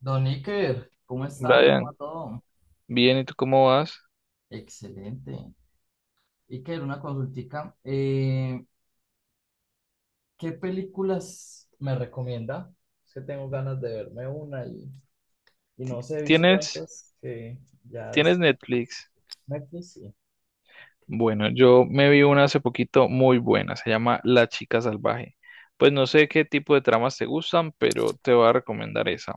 Don Iker, ¿cómo está? ¿Cómo va Brian, todo? bien, ¿y tú cómo vas? Excelente. Iker, una consultica. ¿Qué películas me recomienda? Es que tengo ganas de verme una y, no sé, he visto ¿Tienes, tantas que ya es- Netflix? Netflix, sí. Bueno, yo me vi una hace poquito muy buena, se llama La Chica Salvaje. Pues no sé qué tipo de tramas te gustan, pero te voy a recomendar esa.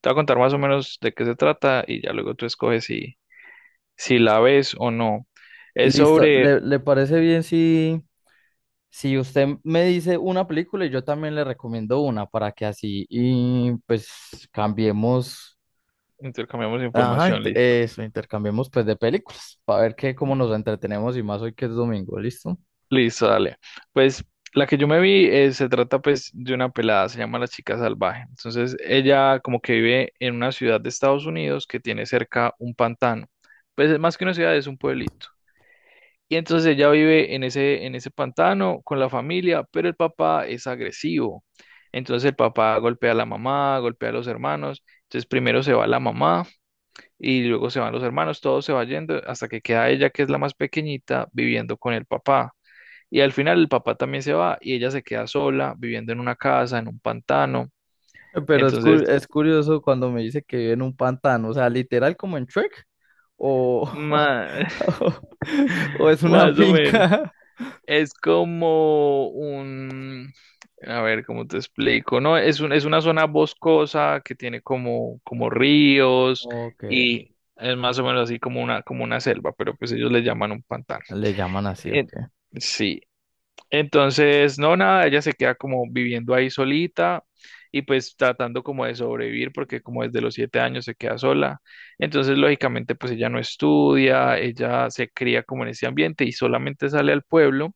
Te voy a contar más o menos de qué se trata y ya luego tú escoges si la ves o no. Es Listo, sobre, ¿le parece bien si, si usted me dice una película y yo también le recomiendo una para que así y pues cambiemos? intercambiamos Ajá, información, listo. eso, intercambiemos pues de películas para ver qué, cómo nos entretenemos y más hoy que es domingo, ¿listo? Listo, dale. Pues la que yo me vi se trata pues de una pelada, se llama La Chica Salvaje. Entonces ella como que vive en una ciudad de Estados Unidos que tiene cerca un pantano. Pues es más que una ciudad, es un pueblito. Y entonces ella vive en ese pantano con la familia, pero el papá es agresivo. Entonces el papá golpea a la mamá, golpea a los hermanos. Entonces primero se va la mamá y luego se van los hermanos, todo se va yendo hasta que queda ella, que es la más pequeñita, viviendo con el papá. Y al final el papá también se va y ella se queda sola, viviendo en una casa, en un pantano. Pero es, Entonces, es curioso cuando me dice que vive en un pantano, o sea, literal como en Shrek o, ma- o es una más o menos, finca. es como un, a ver, ¿cómo te explico? No, es un, es una zona boscosa que tiene como, como ríos Ok, y es más o menos así como una selva, pero pues ellos le llaman un pantano. le llaman así, Eh, ok. sí, entonces, no, nada, ella se queda como viviendo ahí solita y pues tratando como de sobrevivir porque como desde los 7 años se queda sola. Entonces, lógicamente, pues ella no estudia, ella se cría como en ese ambiente y solamente sale al pueblo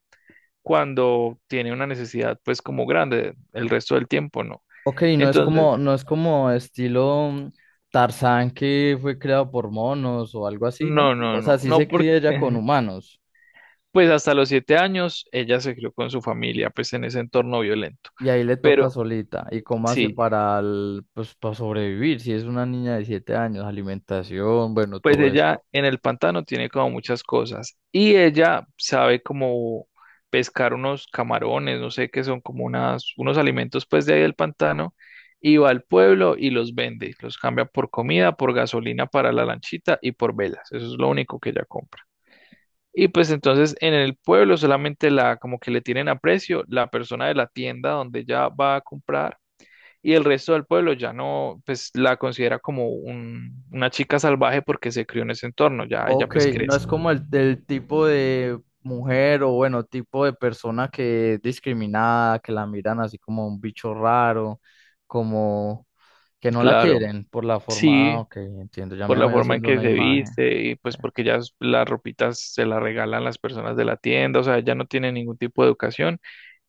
cuando tiene una necesidad pues como grande, el resto del tiempo no. Ok, no es Entonces, como, no es como estilo Tarzán que fue creado por monos o algo así, ¿no? no, no, O sea, no, sí no, se porque cría ya con humanos. pues hasta los 7 años ella se crió con su familia pues en ese entorno violento. Y ahí le toca Pero solita. ¿Y cómo hace sí, para, pues, para sobrevivir? Si es una niña de 7 años, alimentación, bueno, pues todo eso. ella en el pantano tiene como muchas cosas y ella sabe como pescar unos camarones, no sé qué son como unas, unos alimentos pues de ahí del pantano y va al pueblo y los vende, los cambia por comida, por gasolina para la lanchita y por velas, eso es lo único que ella compra. Y pues entonces en el pueblo solamente la como que le tienen aprecio la persona de la tienda donde ella va a comprar y el resto del pueblo ya no, pues la considera como una chica salvaje porque se crió en ese entorno, ya ella Ok, pues no crece. es como el, del tipo de mujer o bueno, tipo de persona que es discriminada, que la miran así como un bicho raro, como que no la Claro, quieren por la forma. Ah, sí, ok, entiendo, ya por me la voy forma en haciendo que una se imagen. viste y Ok. pues porque ya las ropitas se las regalan las personas de la tienda, o sea, ella no tiene ningún tipo de educación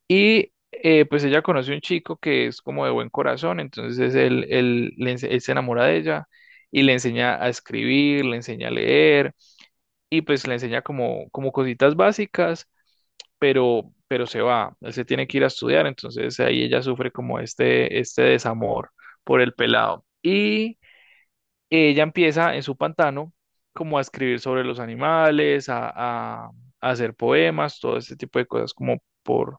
y pues ella conoce un chico que es como de buen corazón, entonces él se enamora de ella y le enseña a escribir, le enseña a leer y pues le enseña como, como cositas básicas pero se va, él se tiene que ir a estudiar, entonces ahí ella sufre como este desamor por el pelado. Y ella empieza en su pantano como a escribir sobre los animales, a hacer poemas, todo este tipo de cosas como por,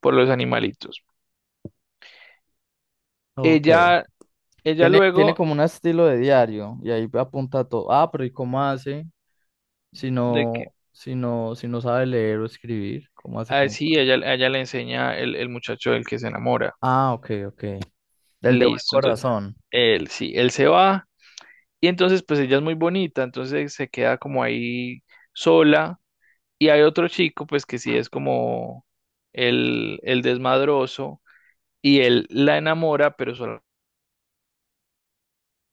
por los animalitos. Ok. Ella, ella Tiene, tiene luego como un estilo de diario y ahí apunta todo. Ah, pero ¿y cómo hace? Si de que, no, si no sabe leer o escribir, ¿cómo hace como sí, para...? a ella le enseña el muchacho del que se enamora, Ah, ok, ok. Del de buen listo, entonces corazón. él, sí, él se va. Y entonces, pues ella es muy bonita, entonces se queda como ahí sola. Y hay otro chico, pues que sí es como el desmadroso, y él la enamora, pero solo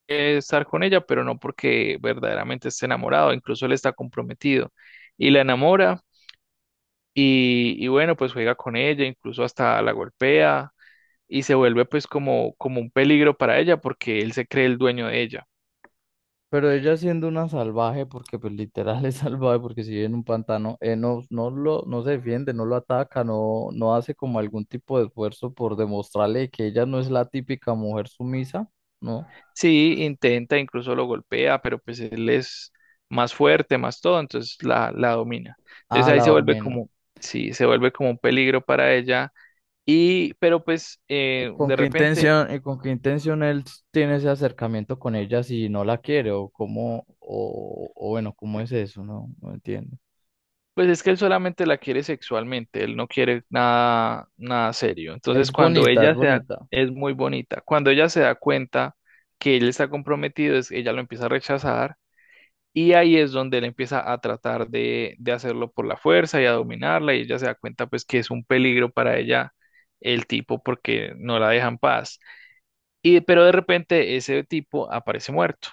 quiere estar con ella, pero no porque verdaderamente esté enamorado, incluso él está comprometido. Y la enamora, y bueno, pues juega con ella, incluso hasta la golpea, y se vuelve pues como, como un peligro para ella, porque él se cree el dueño de ella. Pero ella siendo una salvaje, porque pues literal es salvaje, porque si vive en un pantano, no, no se defiende, no lo ataca, no, no hace como algún tipo de esfuerzo por demostrarle que ella no es la típica mujer sumisa, ¿no? Sí, intenta, incluso lo golpea, pero pues él es más fuerte, más todo, entonces la domina. Ah, Entonces ahí la se vuelve domina. como, sí, se vuelve como un peligro para ella. Y, pero pues ¿Y con de qué repente, intención, él tiene ese acercamiento con ella si no la quiere o cómo, o bueno, ¿cómo es eso? No, no entiendo. pues es que él solamente la quiere sexualmente, él no quiere nada, nada serio. Es Entonces cuando bonita, es ella se da, bonita. es muy bonita, cuando ella se da cuenta que él está comprometido, ella lo empieza a rechazar. Y ahí es donde él empieza a tratar de hacerlo por la fuerza y a dominarla y ella se da cuenta pues que es un peligro para ella el tipo porque no la deja en paz. Y pero de repente ese tipo aparece muerto.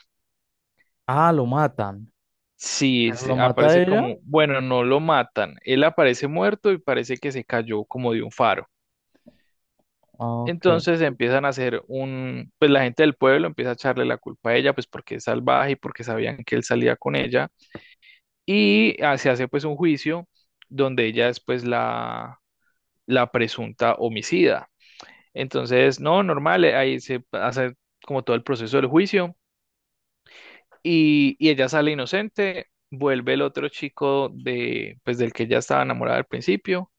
Ah, lo matan. Sí, ¿Pero lo mata aparece ella? como, bueno, no lo matan. Él aparece muerto y parece que se cayó como de un faro. Ah, ok. Entonces empiezan a hacer pues la gente del pueblo empieza a echarle la culpa a ella, pues porque es salvaje y porque sabían que él salía con ella. Y se hace pues un juicio donde ella es pues la presunta homicida. Entonces, no, normal, ahí se hace como todo el proceso del juicio y ella sale inocente, vuelve el otro chico de pues del que ella estaba enamorada al principio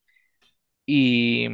y,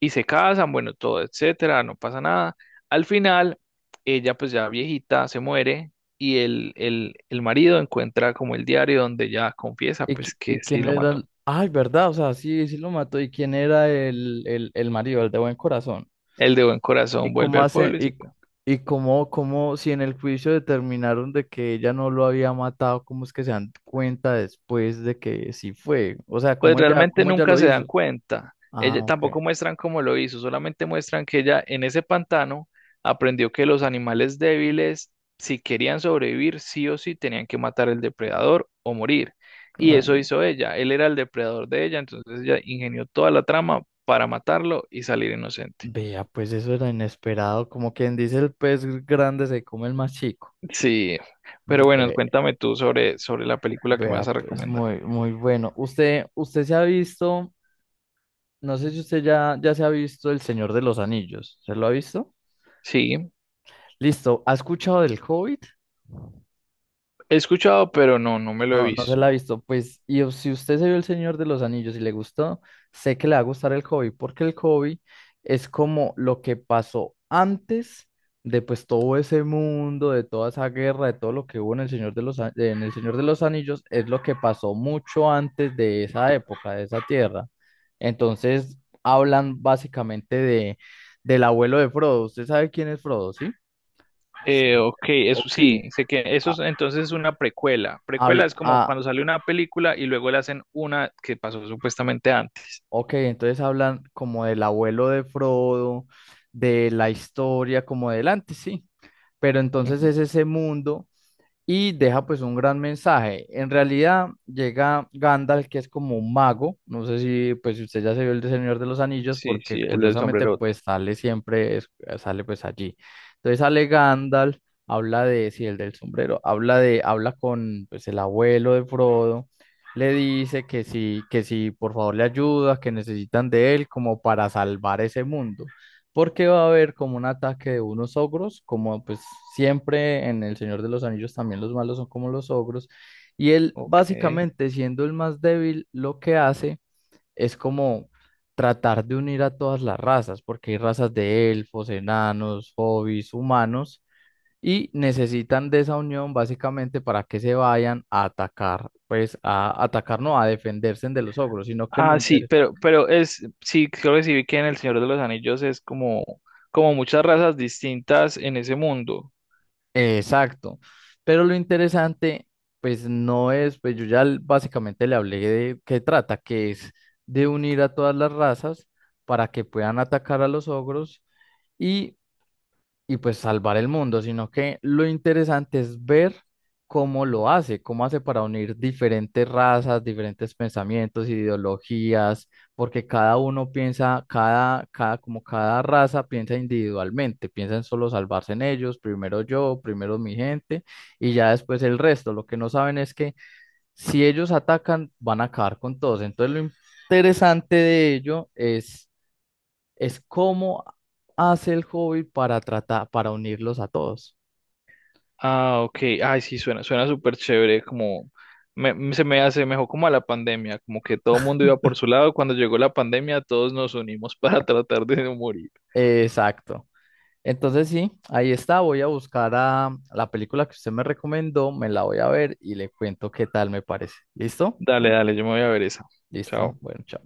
y se casan, bueno, todo, etcétera, no pasa nada. Al final, ella pues ya viejita se muere. Y el marido encuentra como el diario donde ella confiesa ¿Y, pues y que sí quién lo era mató. el... Ay, verdad, o sea, sí, sí lo mató. ¿Y quién era el, el marido, el de buen corazón? El de buen ¿Y corazón vuelve cómo al hace, pueblo y se queda. y cómo, si en el juicio determinaron de que ella no lo había matado, cómo es que se dan cuenta después de que sí fue? O sea, Pues realmente cómo ella nunca lo se dan hizo? cuenta. Ah, Ella, ok. tampoco muestran cómo lo hizo, solamente muestran que ella en ese pantano aprendió que los animales débiles, si querían sobrevivir, sí o sí tenían que matar al depredador o morir. Y eso Claro. hizo ella. Él era el depredador de ella, entonces ella ingenió toda la trama para matarlo y salir inocente. Vea, pues eso era inesperado, como quien dice el pez grande se come el más chico. Sí, pero bueno, Ve- cuéntame tú sobre, la película que me Vea, vas a pues recomendar. muy, muy bueno. Usted, usted se ha visto, no sé si usted ya, ya se ha visto El Señor de los Anillos, ¿se lo ha visto? Sí, Listo, ¿ha escuchado del Hobbit? he escuchado, pero no, no me lo he No, no se la ha visto. visto. Pues, si usted se vio El Señor de los Anillos y le gustó, sé que le va a gustar el Hobbit, porque el Hobbit es como lo que pasó antes de pues todo ese mundo, de toda esa guerra, de todo lo que hubo en el Señor de los, en el Señor de los Anillos, es lo que pasó mucho antes de esa época, de esa tierra. Entonces, hablan básicamente de del abuelo de Frodo. ¿Usted sabe quién es Frodo, sí? Sí. Ok, eso Ok. sí, sé que eso es, Ah, entonces es una precuela. Precuela habla- es como ah, cuando sale una película y luego le hacen una que pasó supuestamente antes. Ok, entonces hablan como del abuelo de Frodo, de la historia como del antes, sí. Pero entonces Ujú. es ese mundo y deja pues un gran mensaje. En realidad llega Gandalf, que es como un mago, no sé si pues si usted ya se vio el de Señor de los Anillos, Sí, porque sí, el del curiosamente pues sombrerote. sale siempre, sale pues allí. Entonces sale Gandalf, habla de, sí, el del sombrero, habla de, habla con pues el abuelo de Frodo, le dice que sí, por favor le ayuda, que necesitan de él como para salvar ese mundo porque va a haber como un ataque de unos ogros, como pues siempre en El Señor de los Anillos también los malos son como los ogros, y él Ok. básicamente siendo el más débil lo que hace es como tratar de unir a todas las razas, porque hay razas de elfos, enanos, hobbits, humanos, y necesitan de esa unión básicamente para que se vayan a atacar, pues a atacar no, a defenderse de los ogros, sino que lo Ah, sí, interesante pero es, sí, creo que sí vi que en El Señor de los Anillos es como, como muchas razas distintas en ese mundo. Exacto. Pero lo interesante, pues no es, pues básicamente le hablé de qué trata, que es de unir a todas las razas para que puedan atacar a los ogros y pues salvar el mundo, sino que lo interesante es ver cómo lo hace, cómo hace para unir diferentes razas, diferentes pensamientos, ideologías, porque cada uno piensa, cada, como cada raza piensa individualmente, piensa en solo salvarse en ellos, primero yo, primero mi gente y ya después el resto. Lo que no saben es que si ellos atacan, van a acabar con todos. Entonces lo interesante de ello es cómo hace el hobby para tratar, para unirlos a todos. Ah, ok. Ay, sí, suena, suena súper chévere, como se me hace mejor como a la pandemia, como que todo el mundo iba por su lado, cuando llegó la pandemia todos nos unimos para tratar de no morir. Exacto. Entonces sí, ahí está. Voy a buscar a la película que usted me recomendó, me la voy a ver y le cuento qué tal me parece. ¿Listo? Dale, dale, yo me voy a ver esa. Listo. Chao. Bueno, chao.